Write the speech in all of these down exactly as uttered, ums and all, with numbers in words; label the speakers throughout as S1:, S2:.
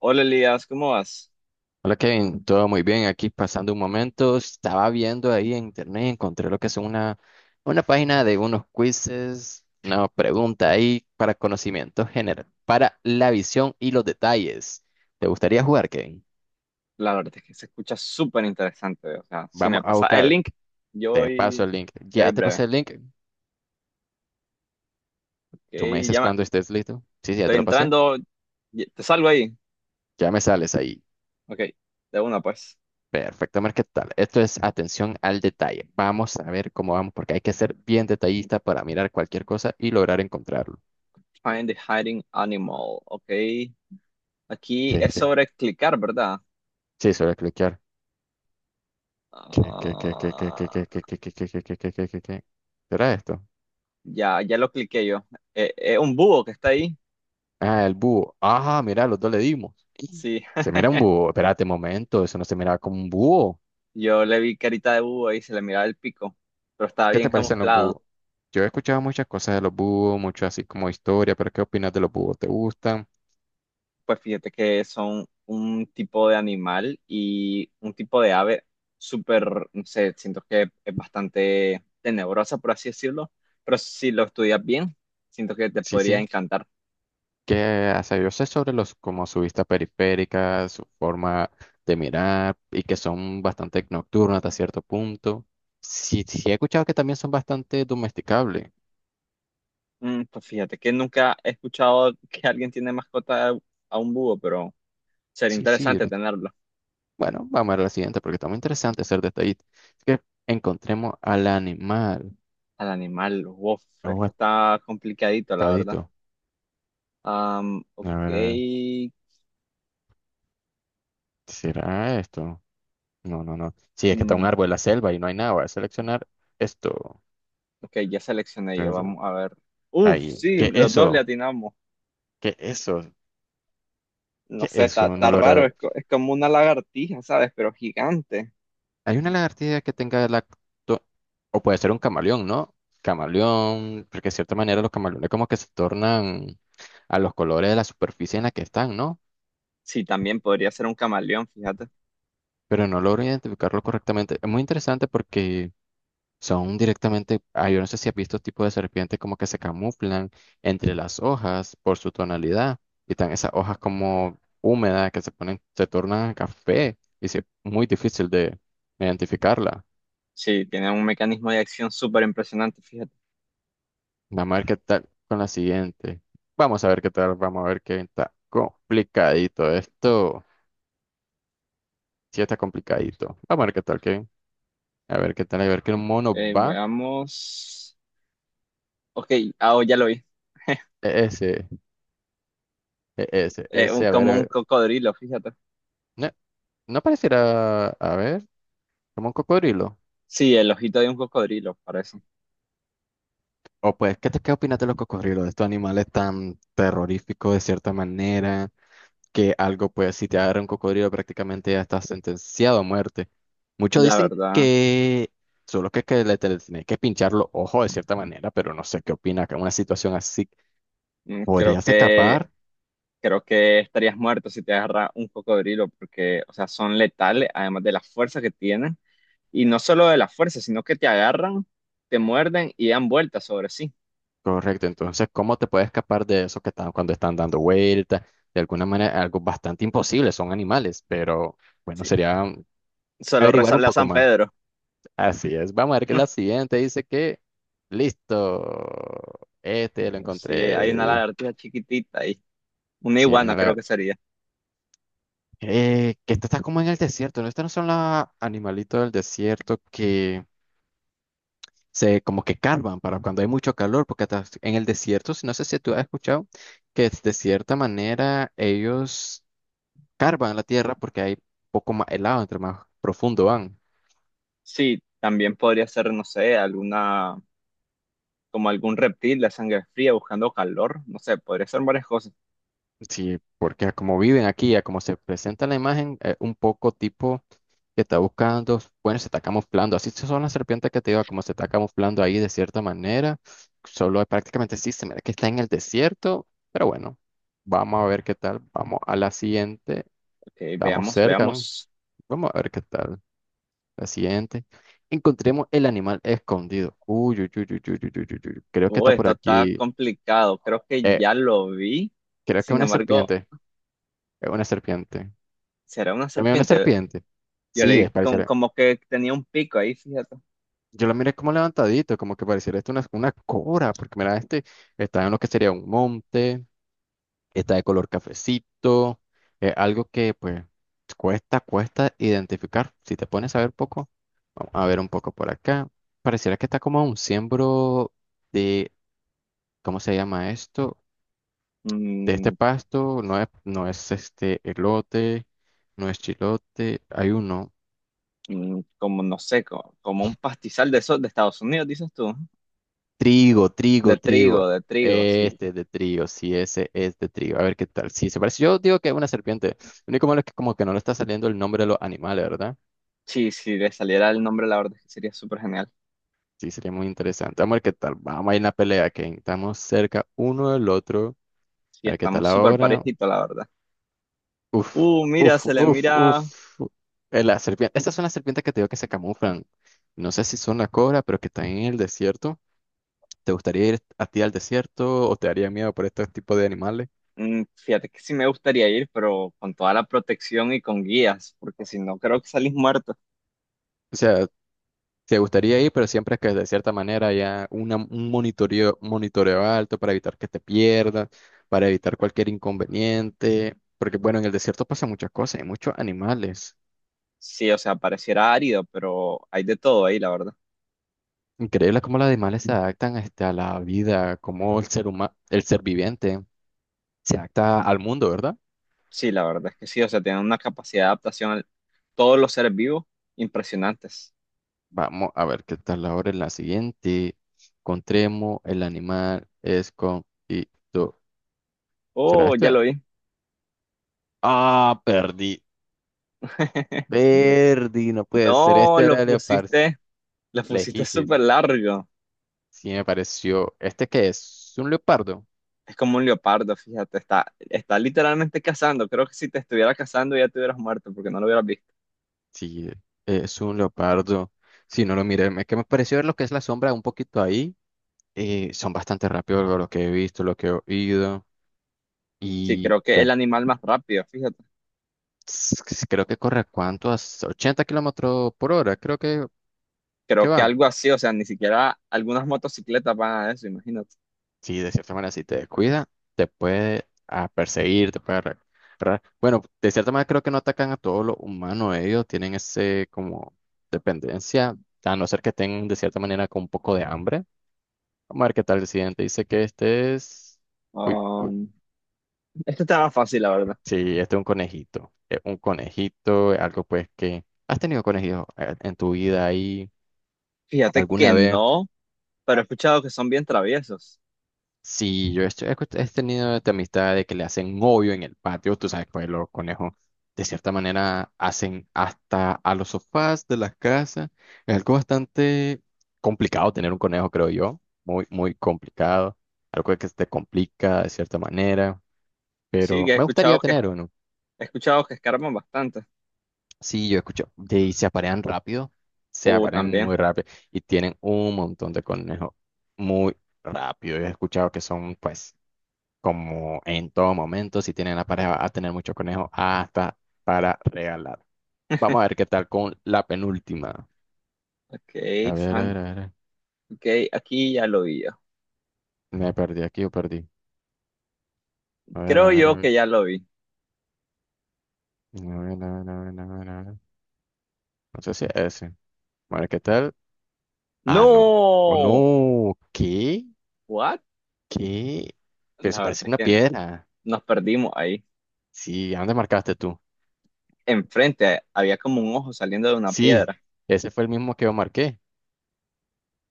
S1: Hola Elías, ¿cómo vas?
S2: Hola Kevin, todo muy bien. Aquí pasando un momento, estaba viendo ahí en internet, encontré lo que es una, una página de unos quizzes, una pregunta ahí para conocimiento general, para la visión y los detalles. ¿Te gustaría jugar, Kevin?
S1: La verdad es que se escucha súper interesante. O sea, si me
S2: Vamos a
S1: pasa el
S2: buscar.
S1: link, yo
S2: Te
S1: voy,
S2: paso el link.
S1: yo voy
S2: Ya te
S1: breve.
S2: pasé el link.
S1: Ok,
S2: Tú me
S1: ya
S2: dices
S1: me-
S2: cuando estés listo. Sí, sí, ya
S1: estoy
S2: te lo pasé.
S1: entrando, y- te salgo ahí.
S2: Ya me sales ahí.
S1: Ok, de una pues.
S2: Perfecto, Mar, ¿qué tal? Esto es atención al detalle. Vamos a ver cómo vamos, porque hay que ser bien detallista para mirar cualquier cosa y lograr encontrarlo.
S1: Find the hiding animal. Ok, aquí es sobre clicar, ¿verdad?
S2: Sí, se va a cliquear. ¿Qué, qué, qué, qué, qué, qué,
S1: Ah,
S2: qué, qué, qué, qué, qué, qué, qué, qué, qué, qué, qué? ¿Será esto?
S1: ya, ya lo cliqué yo. Es un búho que está ahí.
S2: Ah, el búho. Ajá, mira, los dos le dimos. Y
S1: Sí,
S2: se mira un búho. Espérate un momento, eso no se miraba como un búho.
S1: yo le vi carita de búho ahí, se le miraba el pico, pero estaba
S2: ¿Qué
S1: bien
S2: te parecen los
S1: camuflado.
S2: búhos? Yo he escuchado muchas cosas de los búhos, mucho así como historia, pero ¿qué opinas de los búhos? ¿Te gustan?
S1: Pues fíjate que son un tipo de animal y un tipo de ave súper, no sé, siento que es bastante tenebrosa, por así decirlo, pero si lo estudias bien, siento que te
S2: Sí,
S1: podría
S2: sí.
S1: encantar.
S2: ¿Qué hace? Yo sé sobre los, como su vista periférica, su forma de mirar y que son bastante nocturnas hasta cierto punto. Sí, sí, he escuchado que también son bastante domesticables.
S1: Mm, pues fíjate que nunca he escuchado que alguien tiene mascota a un búho, pero sería
S2: Sí, sí. yo
S1: interesante
S2: le-
S1: tenerlo.
S2: Bueno, vamos a ver la siguiente porque está muy interesante hacer detallito. Es que encontremos al animal.
S1: Al animal, wow, esto está complicadito, la verdad.
S2: Aguacadito.
S1: Am,
S2: A
S1: ok,
S2: ver, a ver. ¿Será esto? No, no, no. Sí, es que está un
S1: mm,
S2: árbol en la selva y no hay nada. Voy a seleccionar esto.
S1: ok, ya seleccioné yo,
S2: Eso.
S1: vamos a ver. Uf,
S2: Ahí.
S1: sí,
S2: ¿Qué
S1: los dos le
S2: eso?
S1: atinamos.
S2: ¿Qué eso?
S1: No
S2: ¿Qué
S1: sé, está,
S2: eso?
S1: está
S2: No logra
S1: raro, es,
S2: ver.
S1: co- es como una lagartija, ¿sabes? Pero gigante.
S2: Hay una lagartija que tenga lacto. O puede ser un camaleón, ¿no? Camaleón. Porque de cierta manera los camaleones como que se tornan a los colores de la superficie en la que están, ¿no?
S1: Sí, también podría ser un camaleón, fíjate.
S2: Pero no logro identificarlo correctamente. Es muy interesante porque son directamente, ah, yo no sé si has visto tipos de serpientes como que se camuflan entre las hojas por su tonalidad y están esas hojas como húmedas que se ponen, se tornan café y es muy difícil de identificarla.
S1: Sí, tiene un mecanismo de acción súper impresionante, fíjate.
S2: Vamos a ver qué tal con la siguiente. Vamos a ver qué tal, vamos a ver qué está complicadito esto. Sí está complicadito. Vamos a ver qué tal, Kevin. A ver qué tal, a ver qué mono
S1: Eh,
S2: va.
S1: veamos. Ok, ah, oh, ya lo vi.
S2: E, Ese. e, Ese,
S1: Eh, un,
S2: ese, a ver, a
S1: como un
S2: ver.
S1: cocodrilo, fíjate.
S2: No, no pareciera, a ver, como un cocodrilo.
S1: Sí, el ojito de un cocodrilo, parece.
S2: O pues, ¿qué te qué opinas de los cocodrilos? De estos animales tan terroríficos de cierta manera, que algo, pues, si te agarra un cocodrilo prácticamente ya estás sentenciado a muerte. Muchos
S1: La
S2: dicen
S1: verdad,
S2: que solo que, que le te- tenés que pinchar los ojos de cierta manera, pero no sé qué opinas, que una situación así,
S1: mm, creo
S2: ¿podrías
S1: que,
S2: escapar?
S1: creo que estarías muerto si te agarra un cocodrilo, porque, o sea, son letales, además de la fuerza que tienen. Y no solo de la fuerza, sino que te agarran, te muerden y dan vueltas sobre sí.
S2: Correcto, entonces, ¿cómo te puedes escapar de eso que están cuando están dando vueltas? De alguna manera, algo bastante imposible, son animales, pero. Bueno,
S1: Sí,
S2: sería
S1: solo
S2: averiguar un
S1: rezarle a
S2: poco
S1: San
S2: más.
S1: Pedro.
S2: Así es. Vamos a ver que la siguiente dice que, listo, este lo
S1: Sí, hay una
S2: encontré.
S1: lagartija chiquitita ahí. Una
S2: Sí,
S1: iguana
S2: una
S1: creo
S2: lagar-
S1: que sería.
S2: Eh, Que esta está como en el desierto, ¿no? Estas no son los animalitos del desierto que se como que carvan para cuando hay mucho calor, porque hasta en el desierto, si no sé si tú has escuchado, que de cierta manera ellos carvan la tierra porque hay poco más helado, entre más profundo van.
S1: Sí, también podría ser, no sé, alguna, como algún reptil de sangre fría buscando calor. No sé, podría ser varias cosas.
S2: Sí, porque a como viven aquí, a como se presenta la imagen, eh, un poco tipo que está buscando, bueno, se está camuflando, así son las serpientes que te digo, como se está camuflando ahí de cierta manera, solo prácticamente sí se mira que está en el desierto, pero bueno, vamos a ver qué tal, vamos a la siguiente,
S1: Ok,
S2: estamos
S1: veamos,
S2: cerca, ¿no?
S1: veamos.
S2: Vamos a ver qué tal, la siguiente, encontremos el animal escondido, uy, uy, uy, uy, uy, uy, uy, uy, uy, creo que está
S1: Uy,
S2: por
S1: esto está
S2: aquí,
S1: complicado. Creo que
S2: eh,
S1: ya lo vi.
S2: creo que es
S1: Sin
S2: una
S1: embargo,
S2: serpiente, es una serpiente.
S1: será una
S2: Para una
S1: serpiente.
S2: serpiente.
S1: Yo
S2: Sí,
S1: leí
S2: es
S1: com-
S2: pareciera.
S1: como que tenía un pico ahí, fíjate.
S2: Yo la miré como levantadito, como que pareciera esto una, una cobra, porque mira, este está en lo que sería un monte, está de color cafecito, es algo que pues cuesta, cuesta identificar. Si te pones a ver poco, vamos a ver un poco por acá. Pareciera que está como un siembro de, ¿cómo se llama esto? De este
S1: Mm,
S2: pasto, no es, no es este elote, no es chilote, hay uno.
S1: mm, como, no sé, co- como, un pastizal de esos de Estados Unidos, dices tú.
S2: Trigo,
S1: De
S2: trigo, trigo.
S1: trigo, de trigo, sí.
S2: Este es de trigo, sí, ese es de trigo. A ver qué tal. Sí, se parece. Yo digo que es una serpiente. Lo único malo es que como que no le está saliendo el nombre de los animales, ¿verdad?
S1: Sí, si le saliera el nombre, la verdad es que sería súper genial.
S2: Sí, sería muy interesante. Vamos a ver qué tal. Vamos a ir en la pelea, que estamos cerca uno del otro.
S1: Sí,
S2: A ver qué tal
S1: estamos súper
S2: ahora.
S1: parejitos, la verdad.
S2: Uf,
S1: Uh, mira,
S2: uf,
S1: se le
S2: uf,
S1: mira.
S2: uf. Eh, La serpiente. Estas son las serpientes que te digo que se camuflan. No sé si son la cobra, pero que están en el desierto. ¿Te gustaría ir a ti al desierto o te daría miedo por estos tipos de animales?
S1: mm, fíjate que sí me gustaría ir, pero con toda la protección y con guías, porque si no, creo que salís muerto.
S2: O sea, te gustaría ir, pero siempre que de cierta manera haya una- un monitoreo, monitoreo alto para evitar que te pierdas, para evitar cualquier inconveniente, porque bueno, en el desierto pasa muchas cosas, hay muchos animales.
S1: Sí, o sea, pareciera árido, pero hay de todo ahí, la verdad.
S2: Increíble cómo los animales se adaptan este, a la vida, cómo el ser humano, el ser viviente se adapta al mundo, ¿verdad?
S1: Sí, la verdad es que sí, o sea, tienen una capacidad de adaptación a todos los seres vivos impresionantes.
S2: Vamos a ver qué tal ahora en la siguiente. Encontremos el animal es con y tú. ¿Será
S1: Oh, ya
S2: este?
S1: lo vi.
S2: Ah, perdí. Perdí, no puede ser.
S1: No,
S2: Este
S1: lo
S2: era el leopardo.
S1: pusiste, lo
S2: Le
S1: pusiste
S2: dijiste,
S1: súper largo.
S2: sí me pareció. ¿Este qué es? ¿Un leopardo?
S1: Es como un leopardo, fíjate, está, está literalmente cazando. Creo que si te estuviera cazando ya te hubieras muerto porque no lo hubieras visto.
S2: Sí, es un leopardo. Si no lo miré, me- que me pareció ver lo que es la sombra un poquito ahí. eh, son bastante rápidos lo lo que he visto, lo que he oído.
S1: Sí,
S2: Y
S1: creo que es el
S2: bueno,
S1: animal más rápido, fíjate.
S2: s- creo que corre a cuánto, a ochenta kilómetros por hora, creo que, que
S1: Creo que
S2: van.
S1: algo así, o sea, ni siquiera algunas motocicletas van a eso, imagínate.
S2: Sí, de cierta manera, si te descuida, te puede ah, perseguir, te puede. re- re- Bueno, de cierta manera creo que no atacan a todos los humanos, ellos tienen ese como dependencia, a no ser que tengan de cierta manera con un poco de hambre. Vamos a ver qué tal el siguiente. Dice que este es. Uy, uy,
S1: Um, este estaba fácil, la verdad.
S2: sí, este es un conejito. Es un conejito, algo pues que. ¿Has tenido conejitos eh, en tu vida ahí
S1: Fíjate que
S2: alguna vez?
S1: no, pero he escuchado que son bien traviesos.
S2: Sí, yo estoy- he, escu- he tenido esta amistad de que le hacen hoyo en el patio, tú sabes, pues los conejos de cierta manera hacen hasta a los sofás de las casas. Es algo bastante complicado tener un conejo, creo yo, muy, muy complicado, algo que se te complica de cierta manera,
S1: Sí,
S2: pero
S1: que he
S2: me gustaría
S1: escuchado que,
S2: tener uno.
S1: he escuchado que escarban bastante.
S2: Sí, yo escucho, de, y se aparean rápido, se
S1: Uh,
S2: aparean
S1: también.
S2: muy rápido y tienen un montón de conejos muy rápido. Yo he escuchado que son, pues. Como en todo momento, si tienen la pareja, va a tener muchos conejos hasta para regalar. Vamos a ver qué tal con la penúltima.
S1: Ok,
S2: A ver, a
S1: fan.
S2: ver, a ver.
S1: Ok, aquí ya lo vi yo.
S2: Me perdí aquí o perdí. A ver, a
S1: Creo
S2: ver, a
S1: yo que
S2: ver.
S1: ya lo vi.
S2: A ver, a ver, a ver, a ver, a ver. No sé si es ese. A ver qué tal. Ah, no. Oh,
S1: ¡No!
S2: no. ¿Qué?
S1: ¿What?
S2: ¿Qué? Pero se
S1: La verdad
S2: parece
S1: es
S2: una
S1: que no.
S2: piedra.
S1: Nos perdimos ahí.
S2: Sí, ¿a dónde marcaste tú?
S1: Enfrente eh, había como un ojo saliendo de una
S2: Sí,
S1: piedra.
S2: ese fue el mismo que yo marqué.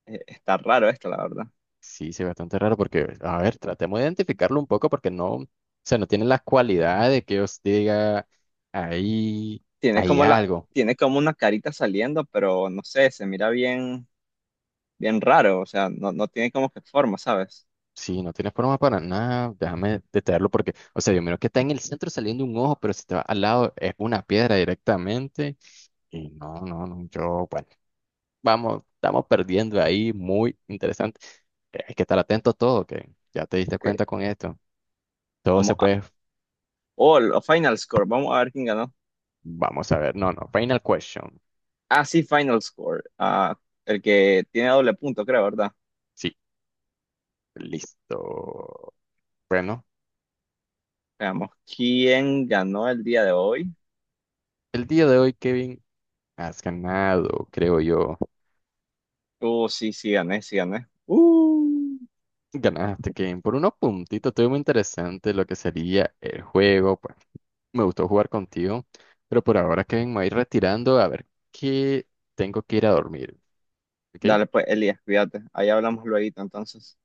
S1: Eh, Está raro esto, la verdad.
S2: Sí, sí, bastante raro porque, a ver, tratemos de identificarlo un poco porque no, o sea, no tiene las cualidades que os diga ahí
S1: Tiene
S2: hay
S1: como la,
S2: algo.
S1: tiene como una carita saliendo, pero no sé, se mira bien, bien raro. O sea, no, no tiene como que forma, ¿sabes?
S2: Sí, no tiene forma para nada, déjame detenerlo porque, o sea, yo miro que está en el centro saliendo un ojo, pero si te va al lado es una piedra directamente. Y no, no, no, yo, bueno, vamos, estamos perdiendo ahí, muy interesante. Eh, Hay que estar atento a todo, que ya te diste
S1: Que
S2: cuenta con esto. Todo
S1: vamos
S2: se
S1: a,
S2: puede,
S1: oh, lo- Final Score. Vamos a ver quién ganó.
S2: vamos a ver, no, no, final question.
S1: Ah, sí, Final Score. Ah, el que tiene doble punto, creo, ¿verdad?
S2: Sí. Listo. Bueno,
S1: Veamos, ¿quién ganó el día de hoy?
S2: el día de hoy, Kevin, has ganado, creo yo.
S1: Uh, sí, sí, gané, sí, gané. Uh,
S2: Ganaste, Kevin, por unos puntitos. Estuvo muy interesante lo que sería el juego. Pues me gustó jugar contigo. Pero por ahora, Kevin, me voy retirando a ver que tengo que ir a dormir. ¿Ok?
S1: dale pues, Elías, cuídate. Ahí hablamos luego, entonces.